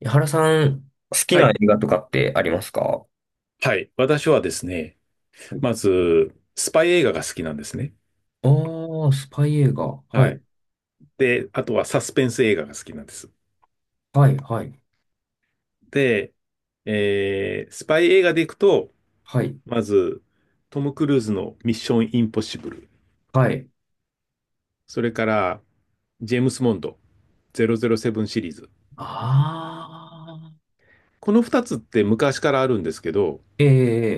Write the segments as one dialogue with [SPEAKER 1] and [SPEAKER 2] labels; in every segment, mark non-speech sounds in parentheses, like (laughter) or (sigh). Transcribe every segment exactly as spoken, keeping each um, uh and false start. [SPEAKER 1] 井原さん、好き
[SPEAKER 2] は
[SPEAKER 1] な
[SPEAKER 2] い。
[SPEAKER 1] 映画とかってありますか？
[SPEAKER 2] はい。私はですね、
[SPEAKER 1] はい。
[SPEAKER 2] まず、スパイ映画が好きなんですね。
[SPEAKER 1] ああ、スパイ映画。は
[SPEAKER 2] は
[SPEAKER 1] い。
[SPEAKER 2] い。で、あとはサスペンス映画が好きなんです。
[SPEAKER 1] はい、はい、
[SPEAKER 2] で、えー、スパイ映画でいくと、
[SPEAKER 1] はい、
[SPEAKER 2] まず、トム・クルーズのミッション・インポッシブル。
[SPEAKER 1] はい。
[SPEAKER 2] それから、ジェームス・モンド、ゼロゼロセブンシリーズ。
[SPEAKER 1] ああ、
[SPEAKER 2] このふたつって昔からあるんですけど、
[SPEAKER 1] え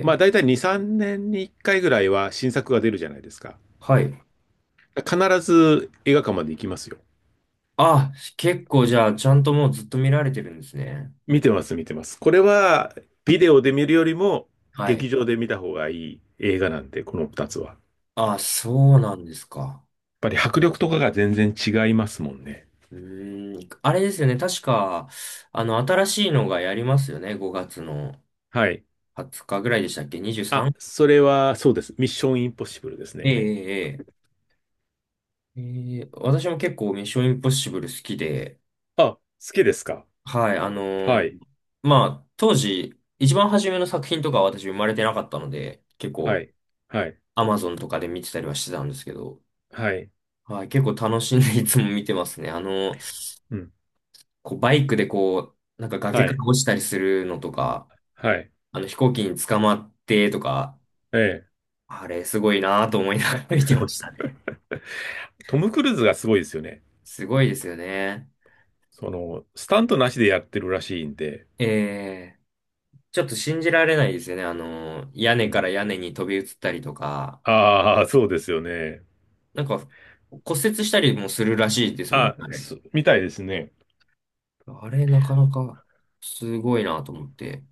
[SPEAKER 2] まあ
[SPEAKER 1] え
[SPEAKER 2] 大
[SPEAKER 1] え、
[SPEAKER 2] 体に、さんねんにいっかいぐらいは新作が出るじゃないですか。
[SPEAKER 1] はい。
[SPEAKER 2] 必ず映画館まで行きますよ。
[SPEAKER 1] あ、結構じゃあ、ちゃんともうずっと見られてるんですね。
[SPEAKER 2] 見てます、見てます。これは、ビデオで見るよりも、
[SPEAKER 1] は
[SPEAKER 2] 劇
[SPEAKER 1] い。
[SPEAKER 2] 場で見た方がいい映画なんで、このふたつは。やっ
[SPEAKER 1] あ、そうなんですか。
[SPEAKER 2] ぱり迫力とかが全然違いますもんね。
[SPEAKER 1] うーん。あれですよね。確か、あの、新しいのがやりますよね。ごがつの
[SPEAKER 2] はい。
[SPEAKER 1] はつかぐらいでしたっけ？
[SPEAKER 2] あ、
[SPEAKER 1] にじゅうさん？
[SPEAKER 2] それは、そうです。ミッションインポッシブルです
[SPEAKER 1] ええ、
[SPEAKER 2] ね。
[SPEAKER 1] ええ、ええ。ええ、私も結構ミッションインポッシブル好きで、
[SPEAKER 2] あ、好きですか？
[SPEAKER 1] はい、あの
[SPEAKER 2] は
[SPEAKER 1] ー
[SPEAKER 2] い、
[SPEAKER 1] まあ、当時、一番初めの作品とかは私生まれてなかったので、結
[SPEAKER 2] は
[SPEAKER 1] 構、
[SPEAKER 2] い、はい、
[SPEAKER 1] アマゾンとかで見てたりはしてたんですけど、
[SPEAKER 2] はい、
[SPEAKER 1] はい、結構楽しんでいつも見てますね。あの、
[SPEAKER 2] うん、
[SPEAKER 1] こう、バイクでこう、なんか崖
[SPEAKER 2] は
[SPEAKER 1] から
[SPEAKER 2] い、
[SPEAKER 1] 落ちたりするのとか、
[SPEAKER 2] はい、
[SPEAKER 1] あの、飛行機に捕まってとか、
[SPEAKER 2] ええ。
[SPEAKER 1] あれ、すごいなと思いながら見てましたね。
[SPEAKER 2] (laughs) トム・クルーズがすごいですよね。
[SPEAKER 1] (laughs) すごいですよね。
[SPEAKER 2] その、スタントなしでやってるらしいんで。
[SPEAKER 1] ええ、ちょっと信じられないですよね。あの、屋根
[SPEAKER 2] う
[SPEAKER 1] か
[SPEAKER 2] ん、
[SPEAKER 1] ら屋根に飛び移ったりとか、
[SPEAKER 2] ああ、そうですよね。
[SPEAKER 1] なんか骨折したりもするらしいですもんね、
[SPEAKER 2] あ、
[SPEAKER 1] あれ。
[SPEAKER 2] すみたいですね。
[SPEAKER 1] あれ、なかなかすごいなと思って。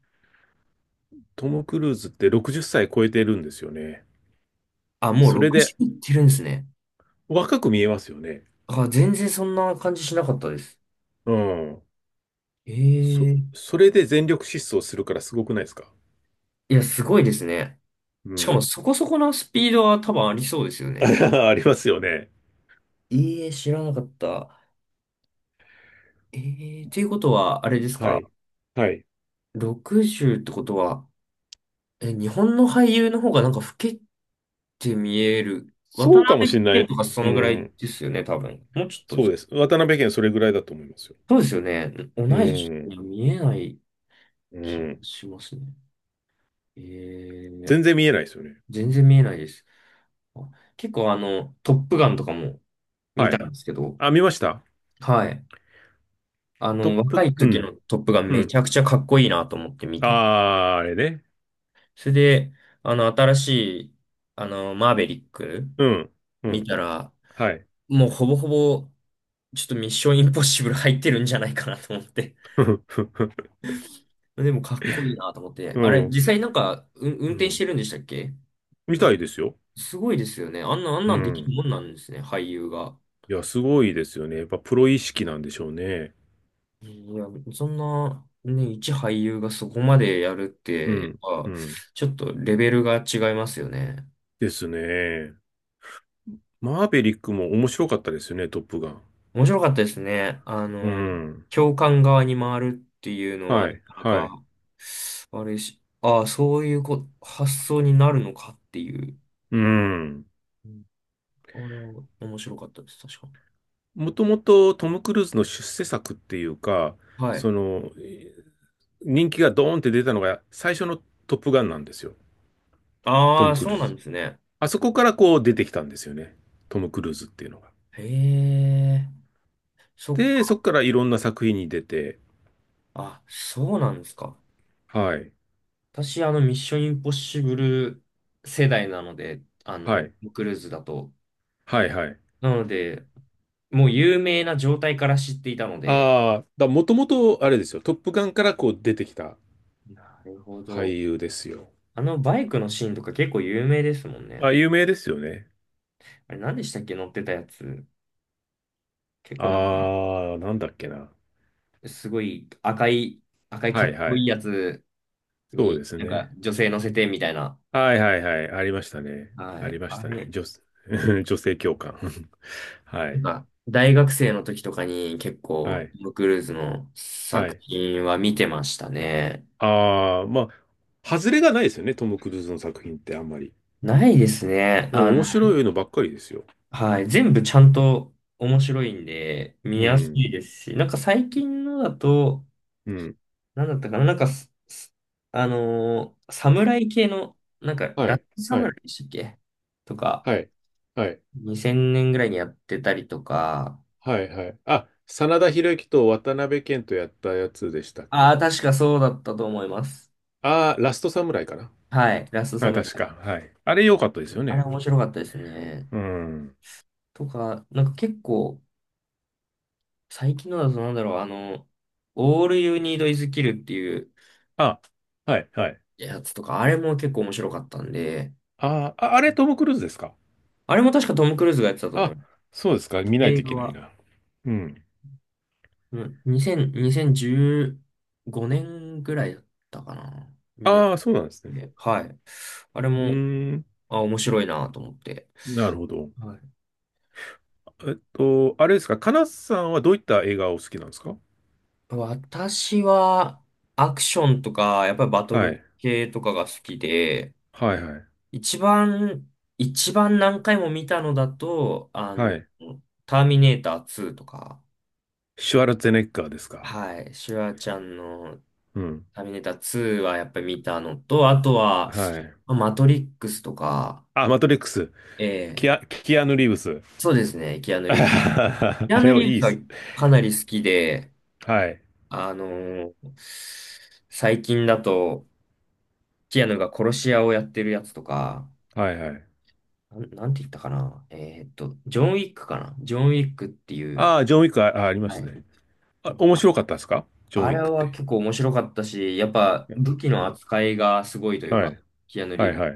[SPEAKER 2] トム・クルーズってろくじゅっさい超えてるんですよね。
[SPEAKER 1] あ、もう
[SPEAKER 2] それで
[SPEAKER 1] ろくじゅういってるんですね。
[SPEAKER 2] 若く見えますよね。
[SPEAKER 1] あ、全然そんな感じしなかったです。
[SPEAKER 2] うん。そ、
[SPEAKER 1] ええ、
[SPEAKER 2] それで全力疾走するからすごくないですか？
[SPEAKER 1] いや、すごいですね。
[SPEAKER 2] う
[SPEAKER 1] しかも
[SPEAKER 2] ん。
[SPEAKER 1] そこそこのスピードは多分ありそうですよね。
[SPEAKER 2] (laughs) ありますよね。
[SPEAKER 1] ええ、知らなかった。ええ、ということは、あれです
[SPEAKER 2] は
[SPEAKER 1] か？
[SPEAKER 2] い。はい。
[SPEAKER 1] ろくじゅう ってことは、え、日本の俳優の方がなんか老けて見える。渡
[SPEAKER 2] そうかもし
[SPEAKER 1] 辺
[SPEAKER 2] れな
[SPEAKER 1] 謙
[SPEAKER 2] い。
[SPEAKER 1] とかそ
[SPEAKER 2] う
[SPEAKER 1] のぐらい
[SPEAKER 2] ん。
[SPEAKER 1] ですよね、多分。もうちょっとで
[SPEAKER 2] そ
[SPEAKER 1] す
[SPEAKER 2] うで
[SPEAKER 1] か？
[SPEAKER 2] す。渡辺県それぐらいだと思いますよ。
[SPEAKER 1] そうですよね。同
[SPEAKER 2] う
[SPEAKER 1] い年に
[SPEAKER 2] ん。
[SPEAKER 1] は見えない
[SPEAKER 2] う
[SPEAKER 1] 気が
[SPEAKER 2] ん。
[SPEAKER 1] しますね。えー、
[SPEAKER 2] 全然見えないですよね。
[SPEAKER 1] 全然見えないです。あ、結構あの、トップガンとかも見
[SPEAKER 2] は
[SPEAKER 1] た
[SPEAKER 2] い。
[SPEAKER 1] んですけど、
[SPEAKER 2] あ、見ました。
[SPEAKER 1] はい。あ
[SPEAKER 2] トッ
[SPEAKER 1] の、若
[SPEAKER 2] プ、
[SPEAKER 1] い
[SPEAKER 2] う
[SPEAKER 1] 時の
[SPEAKER 2] ん。
[SPEAKER 1] トップガン
[SPEAKER 2] う
[SPEAKER 1] めち
[SPEAKER 2] ん。
[SPEAKER 1] ゃくちゃかっこいいなと思って見
[SPEAKER 2] あ
[SPEAKER 1] て。
[SPEAKER 2] あ、あれね。
[SPEAKER 1] それで、あの、新しい、あの、マーベリック
[SPEAKER 2] うん。う
[SPEAKER 1] 見
[SPEAKER 2] ん。
[SPEAKER 1] たら、
[SPEAKER 2] はい。
[SPEAKER 1] もうほぼほぼ、ちょっとミッションインポッシブル入ってるんじゃないかなと思って。
[SPEAKER 2] (laughs)
[SPEAKER 1] でもかっこいいなと思って。
[SPEAKER 2] う
[SPEAKER 1] あれ、
[SPEAKER 2] ん。
[SPEAKER 1] 実際なんか、う運
[SPEAKER 2] う
[SPEAKER 1] 転し
[SPEAKER 2] ん。
[SPEAKER 1] てるんでしたっけ？
[SPEAKER 2] 見たいですよ。
[SPEAKER 1] すごいですよね。あんな、あん
[SPEAKER 2] う
[SPEAKER 1] なんできる
[SPEAKER 2] ん。
[SPEAKER 1] もんなんですね、俳優が。
[SPEAKER 2] いや、すごいですよね。やっぱプロ意識なんでしょうね。
[SPEAKER 1] いや、そんな、ね、一俳優がそこまでやるっ
[SPEAKER 2] う
[SPEAKER 1] て、
[SPEAKER 2] ん。
[SPEAKER 1] やっ
[SPEAKER 2] う
[SPEAKER 1] ぱ、
[SPEAKER 2] ん。
[SPEAKER 1] ちょっとレベルが違いますよね。
[SPEAKER 2] ですね。マーベリックも面白かったですよね、トップガン。
[SPEAKER 1] 面白かったですね。あ
[SPEAKER 2] う
[SPEAKER 1] の、
[SPEAKER 2] ん。
[SPEAKER 1] 教官側に回るっていうのは、
[SPEAKER 2] は
[SPEAKER 1] な
[SPEAKER 2] い。
[SPEAKER 1] かな
[SPEAKER 2] はい。
[SPEAKER 1] か、あれし、ああ、そういうこ、発想になるのかっていう。
[SPEAKER 2] うん。
[SPEAKER 1] うん。あれは面白かったです、確か。
[SPEAKER 2] もともとトム・クルーズの出世作っていうか、
[SPEAKER 1] はい。
[SPEAKER 2] その、えー人気がドーンって出たのが最初のトップガンなんですよ。ト
[SPEAKER 1] ああ、
[SPEAKER 2] ム・ク
[SPEAKER 1] そ
[SPEAKER 2] ル
[SPEAKER 1] う
[SPEAKER 2] ー
[SPEAKER 1] なん
[SPEAKER 2] ズ。
[SPEAKER 1] ですね。
[SPEAKER 2] あそこからこう出てきたんですよね。トム・クルーズっていうのが。
[SPEAKER 1] へえ、そっ
[SPEAKER 2] で、そ
[SPEAKER 1] か。
[SPEAKER 2] こからいろんな作品に出て、
[SPEAKER 1] あ、そうなんですか。
[SPEAKER 2] はい。
[SPEAKER 1] 私、あの、ミッションインポッシブル世代なので、あ
[SPEAKER 2] は
[SPEAKER 1] の、ト
[SPEAKER 2] い。
[SPEAKER 1] ムクルーズだと。
[SPEAKER 2] はいはい。
[SPEAKER 1] なので、もう有名な状態から知っていたので、
[SPEAKER 2] ああ、だ、もともと、あれですよ。トップガンからこう出てきた
[SPEAKER 1] なるほ
[SPEAKER 2] 俳
[SPEAKER 1] ど。
[SPEAKER 2] 優ですよ。
[SPEAKER 1] あのバイクのシーンとか結構有名ですもんね。
[SPEAKER 2] あ、有名ですよね。
[SPEAKER 1] あれ、何でしたっけ乗ってたやつ。結構なんか、
[SPEAKER 2] ああ、なんだっけな。
[SPEAKER 1] すごい赤い、赤いか
[SPEAKER 2] はい
[SPEAKER 1] っ
[SPEAKER 2] は
[SPEAKER 1] こいい
[SPEAKER 2] い。
[SPEAKER 1] やつ
[SPEAKER 2] そう
[SPEAKER 1] に、
[SPEAKER 2] です
[SPEAKER 1] なんか
[SPEAKER 2] ね。
[SPEAKER 1] 女性乗せてみたいな。
[SPEAKER 2] はいはいはい。ありましたね。
[SPEAKER 1] は
[SPEAKER 2] あ
[SPEAKER 1] い。
[SPEAKER 2] りまし
[SPEAKER 1] あ
[SPEAKER 2] たね。
[SPEAKER 1] れ、
[SPEAKER 2] 女、(laughs) 女性教官。(laughs) は
[SPEAKER 1] な
[SPEAKER 2] い。
[SPEAKER 1] んか、大学生の時とかに結
[SPEAKER 2] は
[SPEAKER 1] 構、
[SPEAKER 2] い。
[SPEAKER 1] トムクルーズの
[SPEAKER 2] は
[SPEAKER 1] 作
[SPEAKER 2] い。
[SPEAKER 1] 品は見てましたね。
[SPEAKER 2] ああ、まあ、外れがないですよね。トム・クルーズの作品ってあんまり。
[SPEAKER 1] ないですね。
[SPEAKER 2] う
[SPEAKER 1] あ
[SPEAKER 2] ん、
[SPEAKER 1] の、
[SPEAKER 2] 面白いのばっかりですよ。
[SPEAKER 1] はい。全部ちゃんと面白いんで、見
[SPEAKER 2] う
[SPEAKER 1] やす
[SPEAKER 2] ん。
[SPEAKER 1] いですし、なんか最近のだと、
[SPEAKER 2] うん。
[SPEAKER 1] なんだったかな、なんかす、すあのー侍系の、なんか、
[SPEAKER 2] は
[SPEAKER 1] ラッ
[SPEAKER 2] い。
[SPEAKER 1] ト
[SPEAKER 2] は
[SPEAKER 1] 侍
[SPEAKER 2] い。
[SPEAKER 1] でしたっけ？とか、
[SPEAKER 2] はい。はい。
[SPEAKER 1] にせんねんぐらいにやってたりとか、
[SPEAKER 2] はいはい。あ、真田広之と渡辺謙とやったやつでしたっ
[SPEAKER 1] ああ、
[SPEAKER 2] け？
[SPEAKER 1] 確かそうだったと思います。
[SPEAKER 2] ああー、ラストサムライかな？
[SPEAKER 1] はい。ラストサ
[SPEAKER 2] あ、
[SPEAKER 1] ムラ
[SPEAKER 2] 確
[SPEAKER 1] イ。
[SPEAKER 2] か。はい。あれ良かったですよ
[SPEAKER 1] あれ
[SPEAKER 2] ね。
[SPEAKER 1] 面白かったですね。
[SPEAKER 2] うん。
[SPEAKER 1] とか、なんか結構、最近のだとなんだろう、あの、All You Need Is Kill っていう、
[SPEAKER 2] あ、はい、はい。
[SPEAKER 1] やつとか、あれも結構面白かったんで、
[SPEAKER 2] あー、あ、あれトム・クルーズですか？
[SPEAKER 1] あれも確かトム・クルーズがやってたと思う
[SPEAKER 2] あ、そうですか。見ない
[SPEAKER 1] 映
[SPEAKER 2] とい
[SPEAKER 1] 画
[SPEAKER 2] けない
[SPEAKER 1] は、
[SPEAKER 2] な。うん。
[SPEAKER 1] うん、にせん、にせんじゅうごねんぐらいだったかな、にやっ
[SPEAKER 2] ああ、そうなんですね。
[SPEAKER 1] て、はい。あれ
[SPEAKER 2] う
[SPEAKER 1] も、
[SPEAKER 2] ーん。
[SPEAKER 1] あ、面白いなと思って。
[SPEAKER 2] なるほど。
[SPEAKER 1] はい。
[SPEAKER 2] えっと、あれですか。かなさんはどういった映画をお好きなんですか？
[SPEAKER 1] 私は、アクションとか、やっぱりバト
[SPEAKER 2] は
[SPEAKER 1] ル
[SPEAKER 2] い。
[SPEAKER 1] 系とかが好きで、
[SPEAKER 2] はいはい。
[SPEAKER 1] 一番、一番何回も見たのだと、あ
[SPEAKER 2] は
[SPEAKER 1] の、
[SPEAKER 2] い。
[SPEAKER 1] ターミネーターツーとか、
[SPEAKER 2] シュワルツェネッガーですか。
[SPEAKER 1] はい、シュワちゃんの
[SPEAKER 2] うん。
[SPEAKER 1] ターミネーターツーはやっぱり見たのと、あとは、
[SPEAKER 2] はい。
[SPEAKER 1] まあマトリックスとか、
[SPEAKER 2] あ、マトリックス。キ
[SPEAKER 1] ええ、
[SPEAKER 2] ア、キアヌ・リーブス。
[SPEAKER 1] そうですね、キア
[SPEAKER 2] (laughs)
[SPEAKER 1] ヌ・リーブス。キ
[SPEAKER 2] あ
[SPEAKER 1] ア
[SPEAKER 2] れ
[SPEAKER 1] ヌ・
[SPEAKER 2] を
[SPEAKER 1] リー
[SPEAKER 2] い
[SPEAKER 1] ブ
[SPEAKER 2] い
[SPEAKER 1] ス
[SPEAKER 2] っ
[SPEAKER 1] は
[SPEAKER 2] す。
[SPEAKER 1] かなり好きで、
[SPEAKER 2] はい。
[SPEAKER 1] あのー最近だと、キアヌが殺し屋をやってるやつとか、
[SPEAKER 2] はいはい。
[SPEAKER 1] なん、なんて言ったかな。えーっと、ジョン・ウィックかな。ジョン・ウィックっていう、
[SPEAKER 2] ああ、ジョンウィック。あ、ありま
[SPEAKER 1] は
[SPEAKER 2] す
[SPEAKER 1] い。
[SPEAKER 2] ね。
[SPEAKER 1] と
[SPEAKER 2] あ、面
[SPEAKER 1] か、
[SPEAKER 2] 白かったですかジョンウ
[SPEAKER 1] あ
[SPEAKER 2] ィ
[SPEAKER 1] れ
[SPEAKER 2] ックっ
[SPEAKER 1] は
[SPEAKER 2] て？
[SPEAKER 1] 結構面白かったし、やっぱ武器
[SPEAKER 2] う
[SPEAKER 1] の
[SPEAKER 2] ん。
[SPEAKER 1] 扱いがすごいという
[SPEAKER 2] は
[SPEAKER 1] か、
[SPEAKER 2] い。
[SPEAKER 1] キアヌ・リ
[SPEAKER 2] は
[SPEAKER 1] ー
[SPEAKER 2] い
[SPEAKER 1] ブス。
[SPEAKER 2] はい。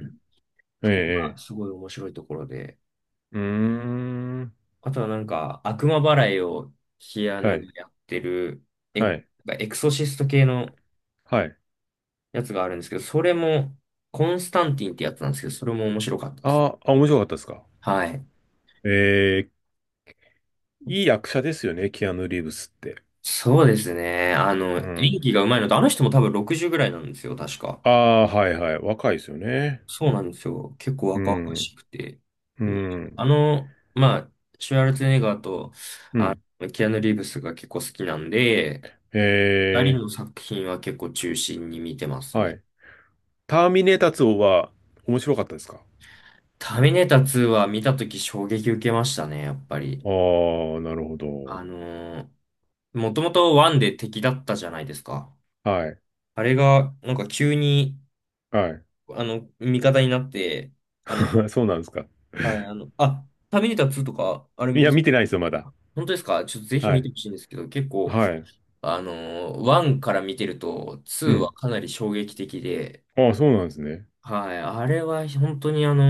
[SPEAKER 2] ええ、え
[SPEAKER 1] そこが
[SPEAKER 2] え。
[SPEAKER 1] すごい面白いところで、
[SPEAKER 2] うーん。
[SPEAKER 1] あとはなんか、悪魔払いをキア
[SPEAKER 2] は
[SPEAKER 1] ヌが
[SPEAKER 2] い。
[SPEAKER 1] やってる、エ、
[SPEAKER 2] はい。
[SPEAKER 1] エクソシスト系の
[SPEAKER 2] はい。
[SPEAKER 1] やつがあるんですけど、それも、コンスタンティンってやつなんですけど、それも面白かったです。
[SPEAKER 2] ああ、面白かったですか？
[SPEAKER 1] はい。
[SPEAKER 2] ええ、いい役者ですよね、キアヌ・リーブスって。
[SPEAKER 1] そうですね。あの、
[SPEAKER 2] う
[SPEAKER 1] 演
[SPEAKER 2] ん。
[SPEAKER 1] 技が上手いのと、あの人も多分ろくじゅうぐらいなんですよ、確か。
[SPEAKER 2] ああ、はいはい。若いですよね。
[SPEAKER 1] そうなんですよ。結構
[SPEAKER 2] う
[SPEAKER 1] 若々
[SPEAKER 2] ん。
[SPEAKER 1] しくて。
[SPEAKER 2] う
[SPEAKER 1] あ
[SPEAKER 2] ん。
[SPEAKER 1] の、まあ、シュワルツェネッガーと
[SPEAKER 2] うん。
[SPEAKER 1] キアヌ・リーブスが結構好きなんで、
[SPEAKER 2] え
[SPEAKER 1] 二人
[SPEAKER 2] え、
[SPEAKER 1] の作品は結構中心に見てます
[SPEAKER 2] は
[SPEAKER 1] ね。
[SPEAKER 2] い。ターミネーターツーは面白かったですか？
[SPEAKER 1] ターミネーターツーは見たとき衝撃受けましたね、やっぱり。
[SPEAKER 2] ああー、なるほ
[SPEAKER 1] あ
[SPEAKER 2] ど。
[SPEAKER 1] のー、もともとワンで敵だったじゃないですか。
[SPEAKER 2] はい。
[SPEAKER 1] あれが、なんか急に、
[SPEAKER 2] はい。
[SPEAKER 1] あの、味方になって、あの、
[SPEAKER 2] (laughs) そうなんですか。
[SPEAKER 1] はい、あの、あ、ターミネーターツーとか、あれ、
[SPEAKER 2] いや、見てないですよ、まだ。
[SPEAKER 1] 本当ですか？ちょっとぜひ
[SPEAKER 2] は
[SPEAKER 1] 見
[SPEAKER 2] い。
[SPEAKER 1] てほしいんですけど、結構、
[SPEAKER 2] はい。
[SPEAKER 1] あのー、ワンから見てると、ツー
[SPEAKER 2] う
[SPEAKER 1] は
[SPEAKER 2] ん。
[SPEAKER 1] かなり衝撃的で、
[SPEAKER 2] ああ、そうなんですね。
[SPEAKER 1] はい、あれは本当にあの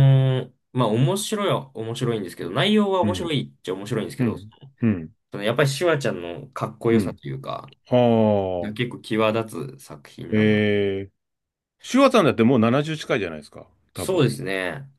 [SPEAKER 1] ー、まあ面白いは面白いんですけど、内容は
[SPEAKER 2] う
[SPEAKER 1] 面白
[SPEAKER 2] ん。
[SPEAKER 1] いっちゃ面白いんですけ
[SPEAKER 2] う
[SPEAKER 1] ど、そ
[SPEAKER 2] ん。うん。
[SPEAKER 1] のやっぱりシュワちゃんのかっこ
[SPEAKER 2] う
[SPEAKER 1] よさ
[SPEAKER 2] ん。
[SPEAKER 1] というか、
[SPEAKER 2] あ
[SPEAKER 1] が結
[SPEAKER 2] あ。
[SPEAKER 1] 構際立つ作品なのかな。
[SPEAKER 2] えー。シュワさんだってもうななじゅう近いじゃないですか。多
[SPEAKER 1] そう
[SPEAKER 2] 分。
[SPEAKER 1] ですね。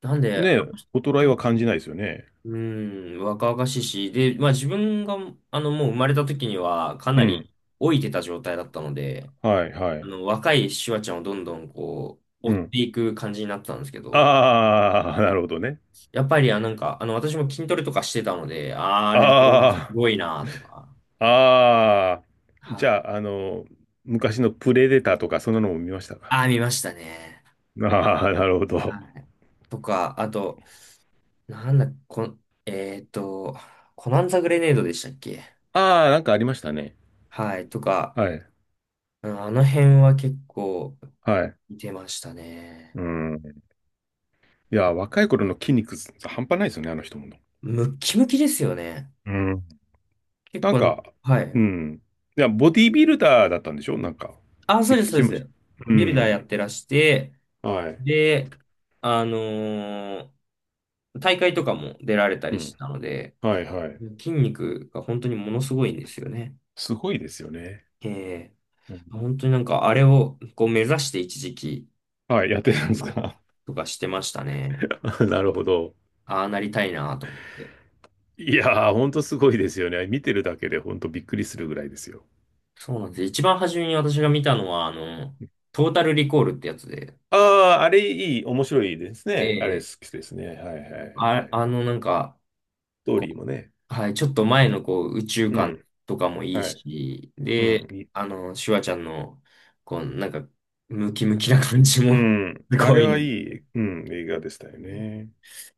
[SPEAKER 1] なんで、
[SPEAKER 2] ね
[SPEAKER 1] あ
[SPEAKER 2] え、衰え
[SPEAKER 1] の
[SPEAKER 2] は感じ
[SPEAKER 1] 人
[SPEAKER 2] ないですよね。
[SPEAKER 1] うん、若々しいし、で、まあ自分が、あの、もう生まれた時にはか
[SPEAKER 2] う
[SPEAKER 1] な
[SPEAKER 2] ん。
[SPEAKER 1] り老いてた状態だったので、
[SPEAKER 2] はい、は
[SPEAKER 1] あ
[SPEAKER 2] い。
[SPEAKER 1] の、若いシュワちゃんをどんどんこう、追
[SPEAKER 2] う
[SPEAKER 1] っ
[SPEAKER 2] ん。
[SPEAKER 1] ていく感じになったんですけど、
[SPEAKER 2] ああ、なるほどね。
[SPEAKER 1] やっぱり、あ、なんか、あの、私も筋トレとかしてたので、あー、あれはす
[SPEAKER 2] あ
[SPEAKER 1] ごいなとか、
[SPEAKER 2] あ、ああ。じ
[SPEAKER 1] は
[SPEAKER 2] ゃ
[SPEAKER 1] い。
[SPEAKER 2] あ、あの、昔のプレデターとか、そんなのも見ましたか。
[SPEAKER 1] あー、見ましたね。
[SPEAKER 2] ああー、なるほど。
[SPEAKER 1] はい。とか、あと、なんだ、こえーっと、コナンザグレネードでしたっけ？
[SPEAKER 2] ああ、なんかありましたね。
[SPEAKER 1] はい、とか、
[SPEAKER 2] はい。
[SPEAKER 1] うん。あの辺は結構
[SPEAKER 2] はい。
[SPEAKER 1] 見てましたね。
[SPEAKER 2] うん。いや、若い頃の筋肉半端ないですよね、あの人も。
[SPEAKER 1] ムッキムキですよね。
[SPEAKER 2] うん。
[SPEAKER 1] 結
[SPEAKER 2] なん
[SPEAKER 1] 構なんか、
[SPEAKER 2] か、
[SPEAKER 1] は
[SPEAKER 2] う
[SPEAKER 1] い。
[SPEAKER 2] ん。いや、ボディービルダーだったんでしょなんか。っ
[SPEAKER 1] あ、そ
[SPEAKER 2] て
[SPEAKER 1] う
[SPEAKER 2] 聞
[SPEAKER 1] です、そう
[SPEAKER 2] き
[SPEAKER 1] で
[SPEAKER 2] ました。
[SPEAKER 1] す。
[SPEAKER 2] う
[SPEAKER 1] ビルダーや
[SPEAKER 2] ん。
[SPEAKER 1] ってらして、
[SPEAKER 2] はい。
[SPEAKER 1] で、あのー大会とかも出られた
[SPEAKER 2] う
[SPEAKER 1] りし
[SPEAKER 2] ん。
[SPEAKER 1] たので、
[SPEAKER 2] はいはい。
[SPEAKER 1] 筋肉が本当にものすごいんですよね。
[SPEAKER 2] すごいですよね。
[SPEAKER 1] ええ、
[SPEAKER 2] うん。
[SPEAKER 1] 本当になんかあれをこう目指して一時期、
[SPEAKER 2] はい、やってたんで
[SPEAKER 1] う
[SPEAKER 2] す
[SPEAKER 1] ん
[SPEAKER 2] か？
[SPEAKER 1] とかしてましたね。
[SPEAKER 2] (laughs) なるほど。
[SPEAKER 1] ああなりたいなと思って。
[SPEAKER 2] いやー、ほんとすごいですよね。見てるだけでほんとびっくりするぐらいですよ。
[SPEAKER 1] そうなんです。一番初めに私が見たのは、あの、トータルリコールってやつで、
[SPEAKER 2] ああ、あれいい、面白いです
[SPEAKER 1] え
[SPEAKER 2] ね。あれ
[SPEAKER 1] え、
[SPEAKER 2] 好きですね。はいはいはいは
[SPEAKER 1] あ、
[SPEAKER 2] い。
[SPEAKER 1] あの、なんか、
[SPEAKER 2] ストー
[SPEAKER 1] こ
[SPEAKER 2] リーもね。
[SPEAKER 1] う、はい、ちょっと前の、こう、宇宙
[SPEAKER 2] う
[SPEAKER 1] 観
[SPEAKER 2] ん。
[SPEAKER 1] とかもいい
[SPEAKER 2] はい。
[SPEAKER 1] し、
[SPEAKER 2] う
[SPEAKER 1] で、
[SPEAKER 2] ん。いい
[SPEAKER 1] あの、シュワちゃんの、こう、なんか、ムキムキな感じ
[SPEAKER 2] う
[SPEAKER 1] も
[SPEAKER 2] ん。
[SPEAKER 1] (laughs) す
[SPEAKER 2] あ
[SPEAKER 1] ご
[SPEAKER 2] れ
[SPEAKER 1] いの。
[SPEAKER 2] はいい、うん、映画でしたよね。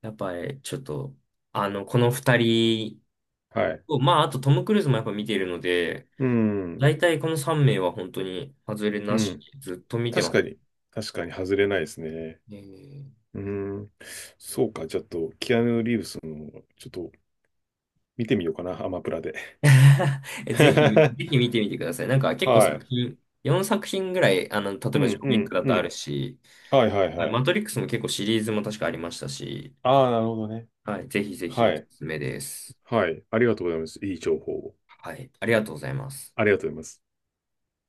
[SPEAKER 1] やっぱり、ちょっと、あの、この二人
[SPEAKER 2] はい。
[SPEAKER 1] と、まあ、あとトム・クルーズもやっぱ見てるので、
[SPEAKER 2] うん。
[SPEAKER 1] 大体この三名は本当に外れ
[SPEAKER 2] う
[SPEAKER 1] なし、
[SPEAKER 2] ん。
[SPEAKER 1] ずっと見て
[SPEAKER 2] 確
[SPEAKER 1] ま
[SPEAKER 2] か
[SPEAKER 1] すね。
[SPEAKER 2] に。確かに外れないですね。
[SPEAKER 1] ええ
[SPEAKER 2] うん。そうか。ちょっと、キアヌ・リーブスの、ちょっと、見てみようかな。アマプラで。
[SPEAKER 1] (laughs) ぜひ、ぜ
[SPEAKER 2] (laughs)
[SPEAKER 1] ひ見てみてください。なんか結構
[SPEAKER 2] は
[SPEAKER 1] 作
[SPEAKER 2] い。
[SPEAKER 1] 品、よんさく品ぐらい、あの、例え
[SPEAKER 2] う
[SPEAKER 1] ば
[SPEAKER 2] ん、
[SPEAKER 1] ジョー
[SPEAKER 2] う
[SPEAKER 1] ウィッ
[SPEAKER 2] ん、
[SPEAKER 1] クだ
[SPEAKER 2] う
[SPEAKER 1] とある
[SPEAKER 2] ん。
[SPEAKER 1] し、
[SPEAKER 2] はい、はい、
[SPEAKER 1] は
[SPEAKER 2] は
[SPEAKER 1] い
[SPEAKER 2] い。
[SPEAKER 1] マトリックスも結構シリーズも確かありましたし、
[SPEAKER 2] ああ、なるほどね。
[SPEAKER 1] はい、ぜひぜひ
[SPEAKER 2] は
[SPEAKER 1] おす
[SPEAKER 2] い。
[SPEAKER 1] すめです。
[SPEAKER 2] はい。ありがとうございます。いい情報を。
[SPEAKER 1] はい、ありがとうございます。
[SPEAKER 2] ありがとうございます。